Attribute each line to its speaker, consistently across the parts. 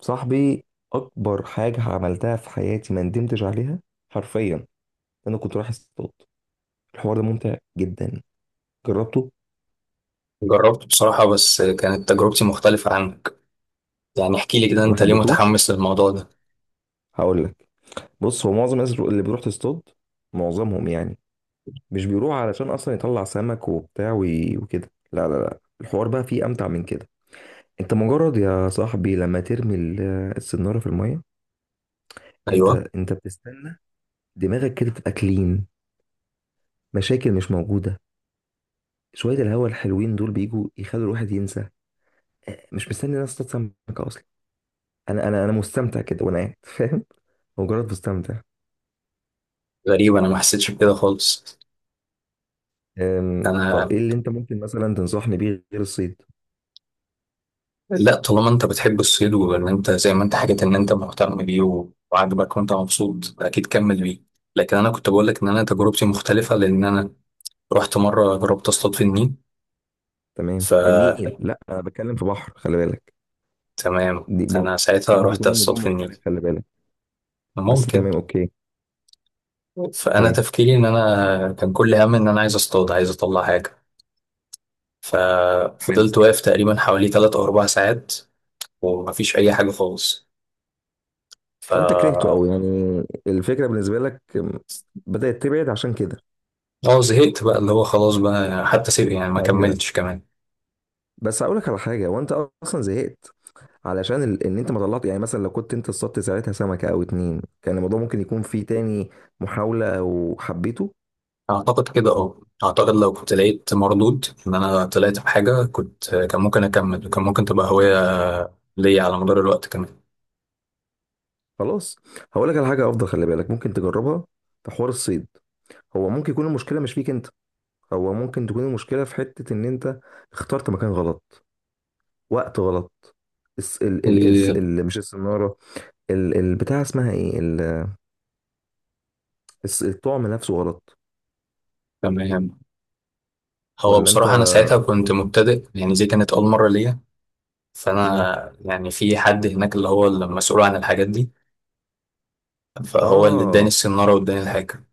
Speaker 1: صاحبي، اكبر حاجه عملتها في حياتي ما ندمتش عليها حرفيا. انا كنت رايح اصطاد. الحوار ده ممتع جدا. جربته.
Speaker 2: جربت بصراحة بس كانت تجربتي مختلفة عنك. يعني احكي لي كده،
Speaker 1: ما
Speaker 2: انت ليه
Speaker 1: حبيتهوش.
Speaker 2: متحمس للموضوع ده؟
Speaker 1: هقول لك. بص، هو معظم الناس اللي بيروح تصطاد، معظمهم يعني، مش بيروح علشان اصلا يطلع سمك وبتاع وكده. لا، لا، لا، الحوار بقى فيه امتع من كده. انت مجرد يا صاحبي لما ترمي السناره في الميه، انت
Speaker 2: ايوه.
Speaker 1: انت بتستنى، دماغك كده تبقى كلين، مشاكل مش موجوده، شويه الهوا الحلوين دول بيجوا يخلوا الواحد ينسى، مش مستني الناس تتصل بك اصلا. انا مستمتع كده وانا قاعد فاهم. مجرد مستمتع.
Speaker 2: غريب، انا ما حسيتش بكده خالص.
Speaker 1: طب
Speaker 2: انا.
Speaker 1: ايه اللي انت ممكن مثلا تنصحني بيه غير الصيد؟
Speaker 2: لا، طالما انت بتحب الصيد وان انت زي ما انت حكيت ان انت مهتم بيه و- وعاجبك وانت مبسوط، اكيد كمل بيه. لكن انا كنت بقول لك ان انا تجربتي مختلفة لان انا رحت مرة جربت اصطاد في النيل.
Speaker 1: تمام، النيل
Speaker 2: فتمام.
Speaker 1: لا، انا بتكلم في بحر، خلي بالك. دي من،
Speaker 2: انا ساعتها
Speaker 1: ممكن
Speaker 2: رحت
Speaker 1: يكون الموضوع
Speaker 2: اصطاد في النيل.
Speaker 1: مختلف، خلي بالك. بس
Speaker 2: ممكن.
Speaker 1: تمام، اوكي.
Speaker 2: فانا
Speaker 1: اوكي.
Speaker 2: تفكيري ان انا كان كل همي ان انا عايز اصطاد، عايز اطلع حاجة.
Speaker 1: حلو.
Speaker 2: ففضلت واقف تقريبا حوالي تلات أو أربع ساعات ومفيش أي حاجة خالص. ف
Speaker 1: فانت كرهته قوي يعني؟ الفكره بالنسبه لك بدات تبعد عشان كده؟
Speaker 2: اه زهقت بقى، اللي هو خلاص بقى حتى سيب، يعني ما
Speaker 1: أيوة.
Speaker 2: كملتش كمان.
Speaker 1: بس هقول لك على حاجه، وانت اصلا زهقت علشان ان انت ما طلعت. يعني مثلا لو كنت انت اصطدت ساعتها سمكه او اتنين، كان الموضوع ممكن يكون فيه تاني محاوله او حبيته.
Speaker 2: أعتقد كده. اه أعتقد لو كنت لقيت مردود إن أنا طلعت بحاجة، كنت كان ممكن أكمل، وكان ممكن تبقى هواية ليا على مدار الوقت كمان.
Speaker 1: خلاص، هقول لك على حاجه افضل خلي بالك ممكن تجربها في حوار الصيد. هو ممكن يكون المشكله مش فيك انت، هو ممكن تكون المشكله في حته ان انت اخترت مكان غلط، وقت غلط، الس... ال... ال... الس-
Speaker 2: إيه،
Speaker 1: ال... مش السناره، البتاع اسمها ايه الطعم نفسه غلط.
Speaker 2: تمام. هو
Speaker 1: ولا انت؟
Speaker 2: بصراحة أنا ساعتها كنت مبتدئ، يعني دي كانت أول مرة ليا.
Speaker 1: مم.
Speaker 2: فأنا يعني في حد هناك اللي هو المسؤول عن الحاجات دي، فهو اللي اداني
Speaker 1: اه،
Speaker 2: السنارة واداني الحاجة.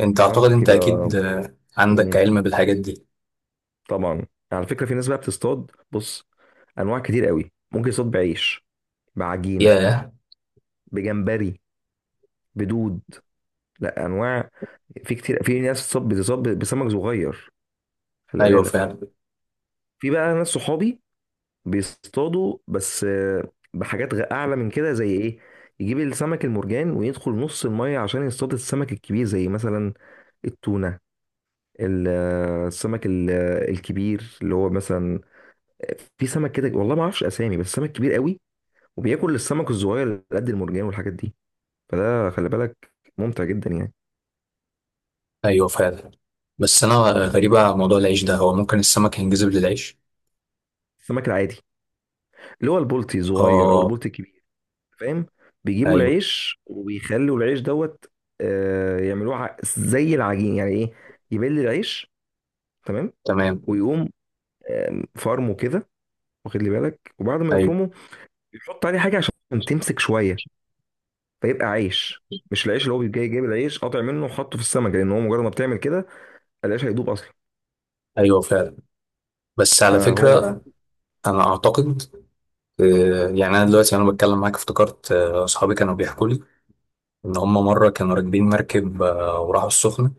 Speaker 2: انت اعتقد،
Speaker 1: فهمتك
Speaker 2: انت
Speaker 1: يبقى.
Speaker 2: اكيد عندك
Speaker 1: مم.
Speaker 2: علم بالحاجات دي.
Speaker 1: طبعا. على فكره في ناس بقى بتصطاد، بص، انواع كتير قوي، ممكن يصطاد بعيش، بعجينه،
Speaker 2: ياه.
Speaker 1: بجمبري، بدود، لا انواع. في كتير، في ناس بتصطاد بسمك صغير، خلي
Speaker 2: ايوه
Speaker 1: بالك.
Speaker 2: فعلا.
Speaker 1: في بقى ناس صحابي بيصطادوا بس بحاجات اعلى من كده، زي ايه، يجيب السمك المرجان ويدخل نص الميه عشان يصطاد السمك الكبير، زي مثلا التونه، السمك الكبير اللي هو مثلا، في سمك كده والله ما اعرفش اسامي بس سمك كبير قوي وبياكل السمك الصغير اللي قد المرجان والحاجات دي. فده خلي بالك ممتع جدا يعني.
Speaker 2: ايوه فعلا. بس انا غريبة على موضوع العيش ده، هو ممكن السمك ينجذب للعيش؟
Speaker 1: السمك العادي اللي هو البلطي صغير او
Speaker 2: اه.
Speaker 1: البلطي الكبير، فاهم، بيجيبوا
Speaker 2: ايوه.
Speaker 1: العيش وبيخلوا العيش دوت، آه، يعملوه زي العجين، يعني ايه، يبل العيش، تمام،
Speaker 2: تمام.
Speaker 1: ويقوم فرمه كده، واخد لي بالك، وبعد ما
Speaker 2: ايوه.
Speaker 1: يفرمه يحط عليه حاجه عشان تمسك شويه، فيبقى عيش. مش العيش اللي هو جاي جايب العيش قاطع منه وحطه في السمك، لان هو مجرد ما بتعمل كده العيش هيدوب اصلا.
Speaker 2: ايوه فعلا. بس على
Speaker 1: فهو
Speaker 2: فكرة، انا اعتقد يعني انا دلوقتي وانا بتكلم معاك افتكرت اصحابي كانوا بيحكوا لي ان هم مرة كانوا راكبين مركب وراحوا السخنة.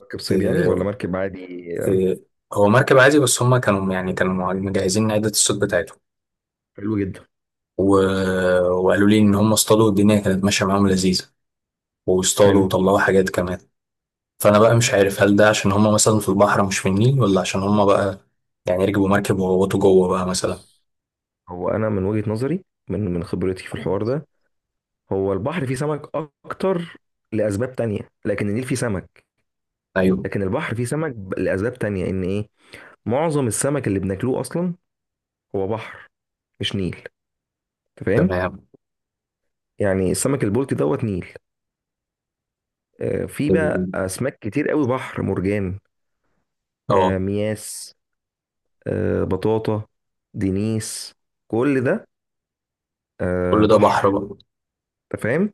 Speaker 1: مركب صيد يعني ولا
Speaker 2: آه.
Speaker 1: مركب عادي؟
Speaker 2: آه. هو مركب عادي بس هم كانوا يعني كانوا مجهزين عدة الصوت بتاعتهم.
Speaker 1: حلو جدا.
Speaker 2: و... وقالوا لي ان هم اصطادوا، الدنيا كانت ماشيه معاهم لذيذه، واصطادوا
Speaker 1: حلو.
Speaker 2: وطلعوا حاجات كمان. فانا بقى مش عارف، هل ده عشان هم مثلا في البحر مش في النيل، ولا عشان هم بقى يعني ركبوا مركب وغوطوا جوه بقى مثلا.
Speaker 1: بس هو انا من وجهة نظري، من خبرتي في الحوار ده، هو البحر فيه سمك اكتر لاسباب تانية، لكن النيل فيه سمك،
Speaker 2: ايوه.
Speaker 1: لكن البحر فيه سمك لاسباب تانية، ان ايه، معظم السمك اللي بناكلوه اصلا هو بحر، مش نيل، انت فاهم.
Speaker 2: تمام.
Speaker 1: يعني السمك البلطي دوت نيل. في بقى
Speaker 2: ال-
Speaker 1: اسماك كتير قوي بحر، مرجان،
Speaker 2: اه
Speaker 1: مياس، بطاطا، دينيس، كل ده
Speaker 2: كل ده بحر
Speaker 1: بحر،
Speaker 2: بقى.
Speaker 1: انت فاهم.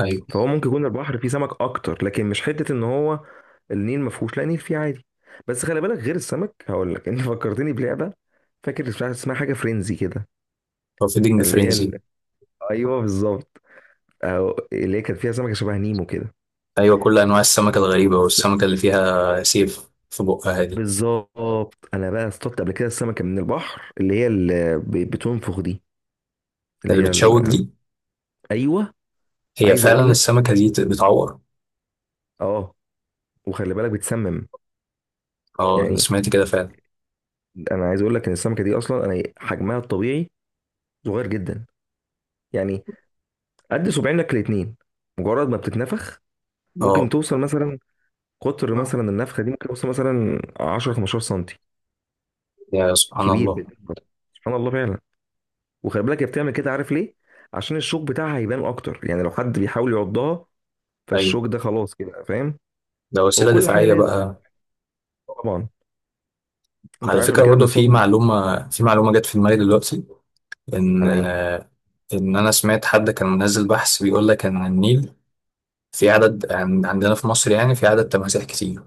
Speaker 2: ايوه.
Speaker 1: فهو ممكن يكون البحر فيه سمك اكتر، لكن مش حته ان هو النيل ما فيهوش، لا، النيل فيه عادي. بس خلي بالك غير السمك هقول لك. انت فكرتني بلعبه، فاكر اسمها حاجه فرينزي كده،
Speaker 2: فيدنج
Speaker 1: اللي هي
Speaker 2: فرينزي.
Speaker 1: ايوه بالظبط، أو اللي هي كانت فيها سمكه شبه نيمو كده.
Speaker 2: ايوه، كل انواع السمكه الغريبه،
Speaker 1: بس-
Speaker 2: والسمكه اللي فيها سيف في بقها دي.
Speaker 1: بالظبط، انا بقى اصطدت قبل كده السمكه من البحر اللي هي اللي بتنفخ دي، اللي
Speaker 2: اللي
Speaker 1: هي
Speaker 2: بتشوك دي.
Speaker 1: ايوه،
Speaker 2: هي
Speaker 1: عايز اقول
Speaker 2: فعلا
Speaker 1: لك
Speaker 2: السمكه دي بتعور.
Speaker 1: اه، وخلي بالك بتسمم
Speaker 2: اه، انا
Speaker 1: يعني.
Speaker 2: سمعت كده فعلا.
Speaker 1: انا عايز اقول لك ان السمكه دي اصلا انا حجمها الطبيعي صغير جدا، يعني قد صباعينك الاتنين، مجرد ما بتتنفخ ممكن
Speaker 2: اه.
Speaker 1: توصل مثلا، قطر مثلا النفخه دي ممكن توصل مثلا 10 15 سنتي،
Speaker 2: يا سبحان
Speaker 1: كبير
Speaker 2: الله.
Speaker 1: بتكبر. سبحان الله فعلا. وخلي بالك هي بتعمل كده عارف ليه، عشان الشوك بتاعها هيبان اكتر، يعني لو حد بيحاول يعضها
Speaker 2: ايوه.
Speaker 1: فالشوك ده خلاص كده، فاهم.
Speaker 2: ده
Speaker 1: هو
Speaker 2: وسيلة
Speaker 1: كل حاجه
Speaker 2: دفاعية
Speaker 1: لازم،
Speaker 2: بقى.
Speaker 1: طبعا. انت
Speaker 2: على
Speaker 1: عارف قبل
Speaker 2: فكرة
Speaker 1: كده
Speaker 2: برضه، في
Speaker 1: بنصطدم
Speaker 2: معلومة في معلومة جت في دماغي دلوقتي، إن
Speaker 1: على ايه؟
Speaker 2: إن أنا سمعت حد كان منزل بحث بيقول لك إن النيل، في عندنا في مصر، يعني في عدد تماسيح كتير.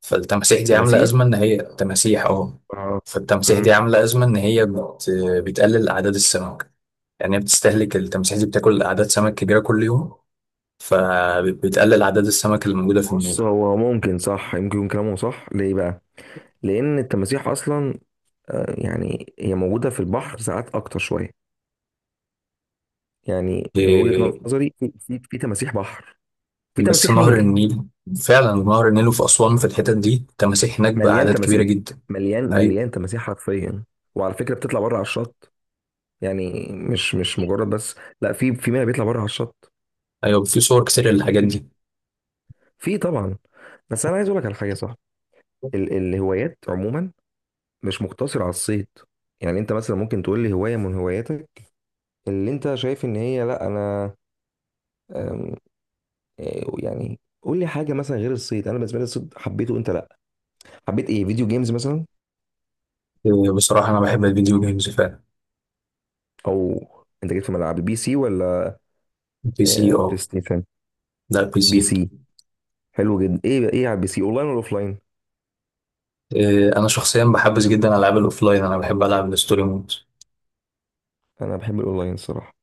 Speaker 2: فالتماسيح دي عاملة
Speaker 1: تماسيح،
Speaker 2: أزمة إن هي تماسيح.
Speaker 1: آه.
Speaker 2: فالتماسيح دي
Speaker 1: مم.
Speaker 2: عاملة أزمة إن هي بتقلل أعداد السمك. يعني هي بتستهلك، التماسيح دي بتاكل أعداد سمك كبيرة كل يوم، فبتقلل أعداد السمك اللي موجودة في
Speaker 1: بص،
Speaker 2: النيل.
Speaker 1: هو ممكن صح، يمكن يكون كلامه صح. ليه بقى؟ لان التماسيح اصلا يعني هي موجوده في البحر ساعات اكتر شويه، يعني من وجهة
Speaker 2: إيه،
Speaker 1: نظري في في تماسيح بحر، في
Speaker 2: بس
Speaker 1: تماسيح
Speaker 2: نهر
Speaker 1: نيل.
Speaker 2: النيل. فعلا نهر النيل، وفي أسوان في الحتت دي تماسيح هناك
Speaker 1: مليان
Speaker 2: بأعداد كبيرة
Speaker 1: تماسيح،
Speaker 2: جدا.
Speaker 1: مليان
Speaker 2: أيوه.
Speaker 1: مليان تماسيح حرفيا. وعلى فكرة بتطلع بره على الشط، يعني مش مجرد بس، لا في في منها بيطلع بره على الشط.
Speaker 2: أيوه، في صور كتير للحاجات
Speaker 1: كتير.
Speaker 2: دي.
Speaker 1: في طبعا. بس انا عايز اقول لك على حاجه صح، ال الهوايات عموما مش مقتصره على الصيد. يعني انت مثلا ممكن تقول لي هوايه من هواياتك اللي انت شايف ان هي، لا انا أم، يعني قول لي حاجه مثلا غير الصيد. انا بالنسبه لي الصيد حبيته، انت لا، حبيت ايه، فيديو جيمز مثلا،
Speaker 2: إيه، بصراحة أنا بحب الفيديو جيمز فعلا.
Speaker 1: او انت جيت في ملعب بي سي ولا
Speaker 2: بي سي،
Speaker 1: بلاي
Speaker 2: أه.
Speaker 1: ستيشن؟
Speaker 2: لا، بي سي.
Speaker 1: بي سي، حلو جدا. ايه ايه على البي سي، اونلاين ولا اوفلاين؟
Speaker 2: إيه، أنا شخصيا بحبس جدا ألعاب الأوفلاين، أنا بحب ألعب الستوري مود.
Speaker 1: انا بحب الاونلاين الصراحه.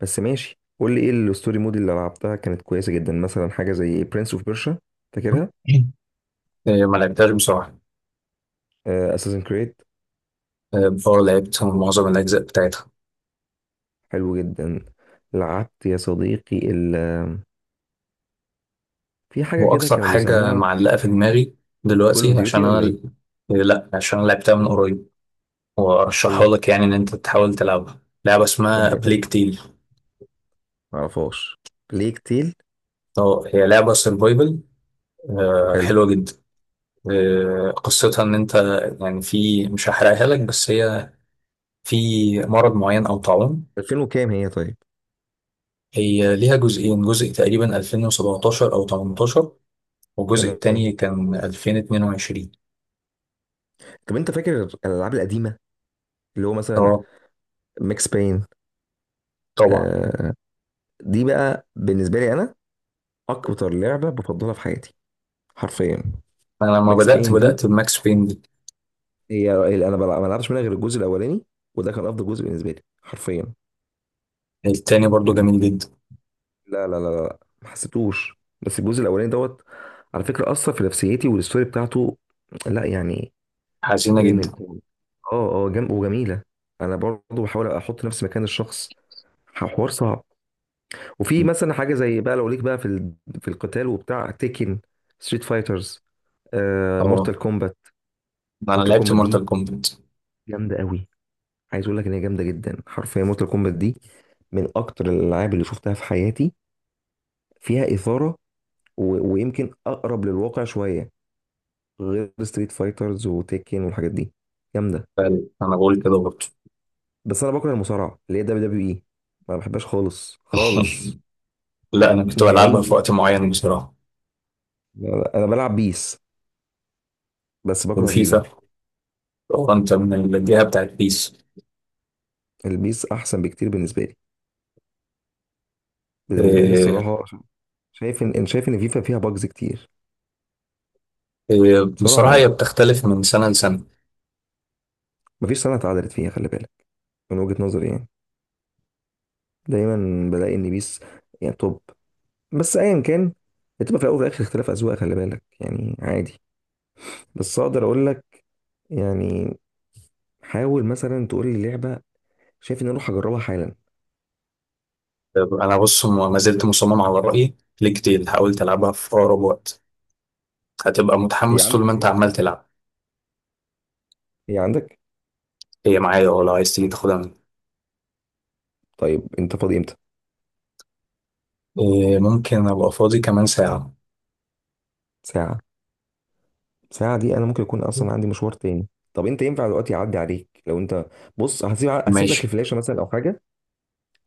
Speaker 1: بس ماشي، قول لي ايه الستوري مود اللي لعبتها كانت كويسه جدا، مثلا حاجه زي برنس اوف بيرشا، فاكرها؟
Speaker 2: إيه، ما لعبتهاش بصراحة.
Speaker 1: اساسن كريد،
Speaker 2: إيه، بفور لعبت معظم الأجزاء بتاعتها.
Speaker 1: حلو جدا. لعبت يا صديقي ال آه، في حاجه كده
Speaker 2: وأكثر
Speaker 1: كانوا
Speaker 2: حاجة
Speaker 1: بيسموها
Speaker 2: معلقة في دماغي
Speaker 1: كول
Speaker 2: دلوقتي
Speaker 1: اوف ديوتي
Speaker 2: عشان أنا.
Speaker 1: ولا ايه؟
Speaker 2: إيه، لا، عشان أنا لعبتها من قريب، وأرشحها
Speaker 1: ايه،
Speaker 2: لك، يعني إن أنت تحاول تلعبها، لعبة اسمها
Speaker 1: حد
Speaker 2: بليك تيل.
Speaker 1: معرفهاش، ليك تيل.
Speaker 2: اه، هي لعبة سرفايفل،
Speaker 1: حلو.
Speaker 2: حلوة جدا. آه، قصتها ان انت، يعني في، مش هحرقها لك، بس هي في مرض معين او طاعون.
Speaker 1: 2000 وكام هي طيب؟
Speaker 2: هي ليها جزئين، جزء تقريبا 2017 او 18، والجزء
Speaker 1: تمام.
Speaker 2: التاني كان 2022.
Speaker 1: طب انت فاكر الالعاب القديمه اللي هو مثلا
Speaker 2: اه،
Speaker 1: ماكس باين؟
Speaker 2: طبعا.
Speaker 1: آه. دي بقى بالنسبه لي انا اكتر لعبه بفضلها في حياتي، حرفيا.
Speaker 2: انا لما
Speaker 1: ماكس
Speaker 2: بدأت
Speaker 1: باين دي
Speaker 2: بدأت بماكس بين دي.
Speaker 1: هي اللي انا ما لعبتش منها غير الجزء الاولاني، وده كان افضل جزء بالنسبه لي حرفيا
Speaker 2: التاني برضو
Speaker 1: يعني.
Speaker 2: جميل جدا.
Speaker 1: لا، ما حسيتوش، بس الجزء الاولاني دوت على فكره اثر في نفسيتي، والستوري بتاعته لا يعني
Speaker 2: حزينة جدا.
Speaker 1: جامد. وجميله. انا برضو بحاول احط نفسي مكان الشخص، حوار صعب. وفي مثلا حاجه زي بقى لو ليك بقى في في القتال وبتاع، تيكن، ستريت فايترز، آه مورتال
Speaker 2: اه،
Speaker 1: كومبات.
Speaker 2: انا
Speaker 1: مورتال
Speaker 2: لعبت
Speaker 1: كومبات دي
Speaker 2: مورتال كومبات.
Speaker 1: جامده قوي. عايز اقول لك ان هي جامده جدا حرفيا. مورتال كومبات دي من اكتر الالعاب اللي شفتها في حياتي، فيها اثاره و... ويمكن اقرب للواقع شويه، غير ستريت فايترز وتيكن والحاجات دي. جامده.
Speaker 2: انا بقول كده برضو.
Speaker 1: بس انا بكره المصارعه اللي هي دبليو دبليو اي، ما بحبهاش خالص خالص،
Speaker 2: لا، انا كنت بلعبها
Speaker 1: نهائيا.
Speaker 2: في وقت معين بصراحة.
Speaker 1: انا بلعب بيس بس بكره فيفا.
Speaker 2: وفيفا. وانت من الجهه بتاعت بيس.
Speaker 1: البيس احسن بكتير بالنسبه لي، بالنسبه لي
Speaker 2: إيه.
Speaker 1: الصراحه، عشان شايف ان، إن شايف ان فيفا فيها باجز كتير.
Speaker 2: إيه،
Speaker 1: بصراحه
Speaker 2: بصراحه
Speaker 1: يعني
Speaker 2: هي بتختلف من سنه لسنه.
Speaker 1: مفيش سنه اتعدلت فيها، خلي بالك، من وجهه نظري يعني. دايما بلاقي ان بيس يعني توب. بس ايا كان، بتبقى في الاول وفي الاخر اختلاف اذواق، خلي بالك يعني، عادي. بس اقدر اقول لك يعني، حاول مثلا تقول لي لعبه شايف ان انا اروح اجربها حالا.
Speaker 2: آه، انا بص، ما زلت مصمم على رايي. كتير حاولت العبها، في اقرب وقت هتبقى
Speaker 1: هي
Speaker 2: متحمس طول
Speaker 1: عندك؟
Speaker 2: ما انت
Speaker 1: طيب،
Speaker 2: عمال تلعب.
Speaker 1: هي عندك.
Speaker 2: هي معايا، اه، لو عايز تيجي تاخدها مني.
Speaker 1: طيب انت فاضي امتى؟
Speaker 2: إيه، ممكن ابقى فاضي كمان ساعه.
Speaker 1: ساعه؟ ساعه دي انا ممكن يكون اصلا عندي مشوار تاني. طب انت ينفع دلوقتي اعدي عليك؟ لو انت، بص، هسيب لك
Speaker 2: ماشي.
Speaker 1: الفلاشه مثلا او حاجه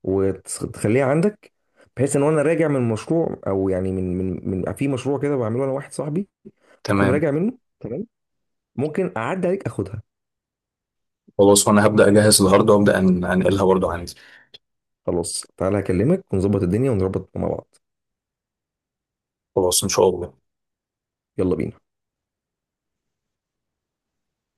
Speaker 1: وتخليها عندك، بحيث ان وانا راجع من المشروع، او يعني من في مشروع كده بعمله انا واحد صاحبي، هكون
Speaker 2: تمام.
Speaker 1: راجع منه تمام، ممكن اعدي عليك اخدها.
Speaker 2: خلاص، وانا هبدا اجهز الهارد وابدا انقلها برضو عندي.
Speaker 1: خلاص، تعالى اكلمك ونظبط الدنيا ونظبط مع بعض.
Speaker 2: خلاص، ان شاء الله.
Speaker 1: يلا بينا.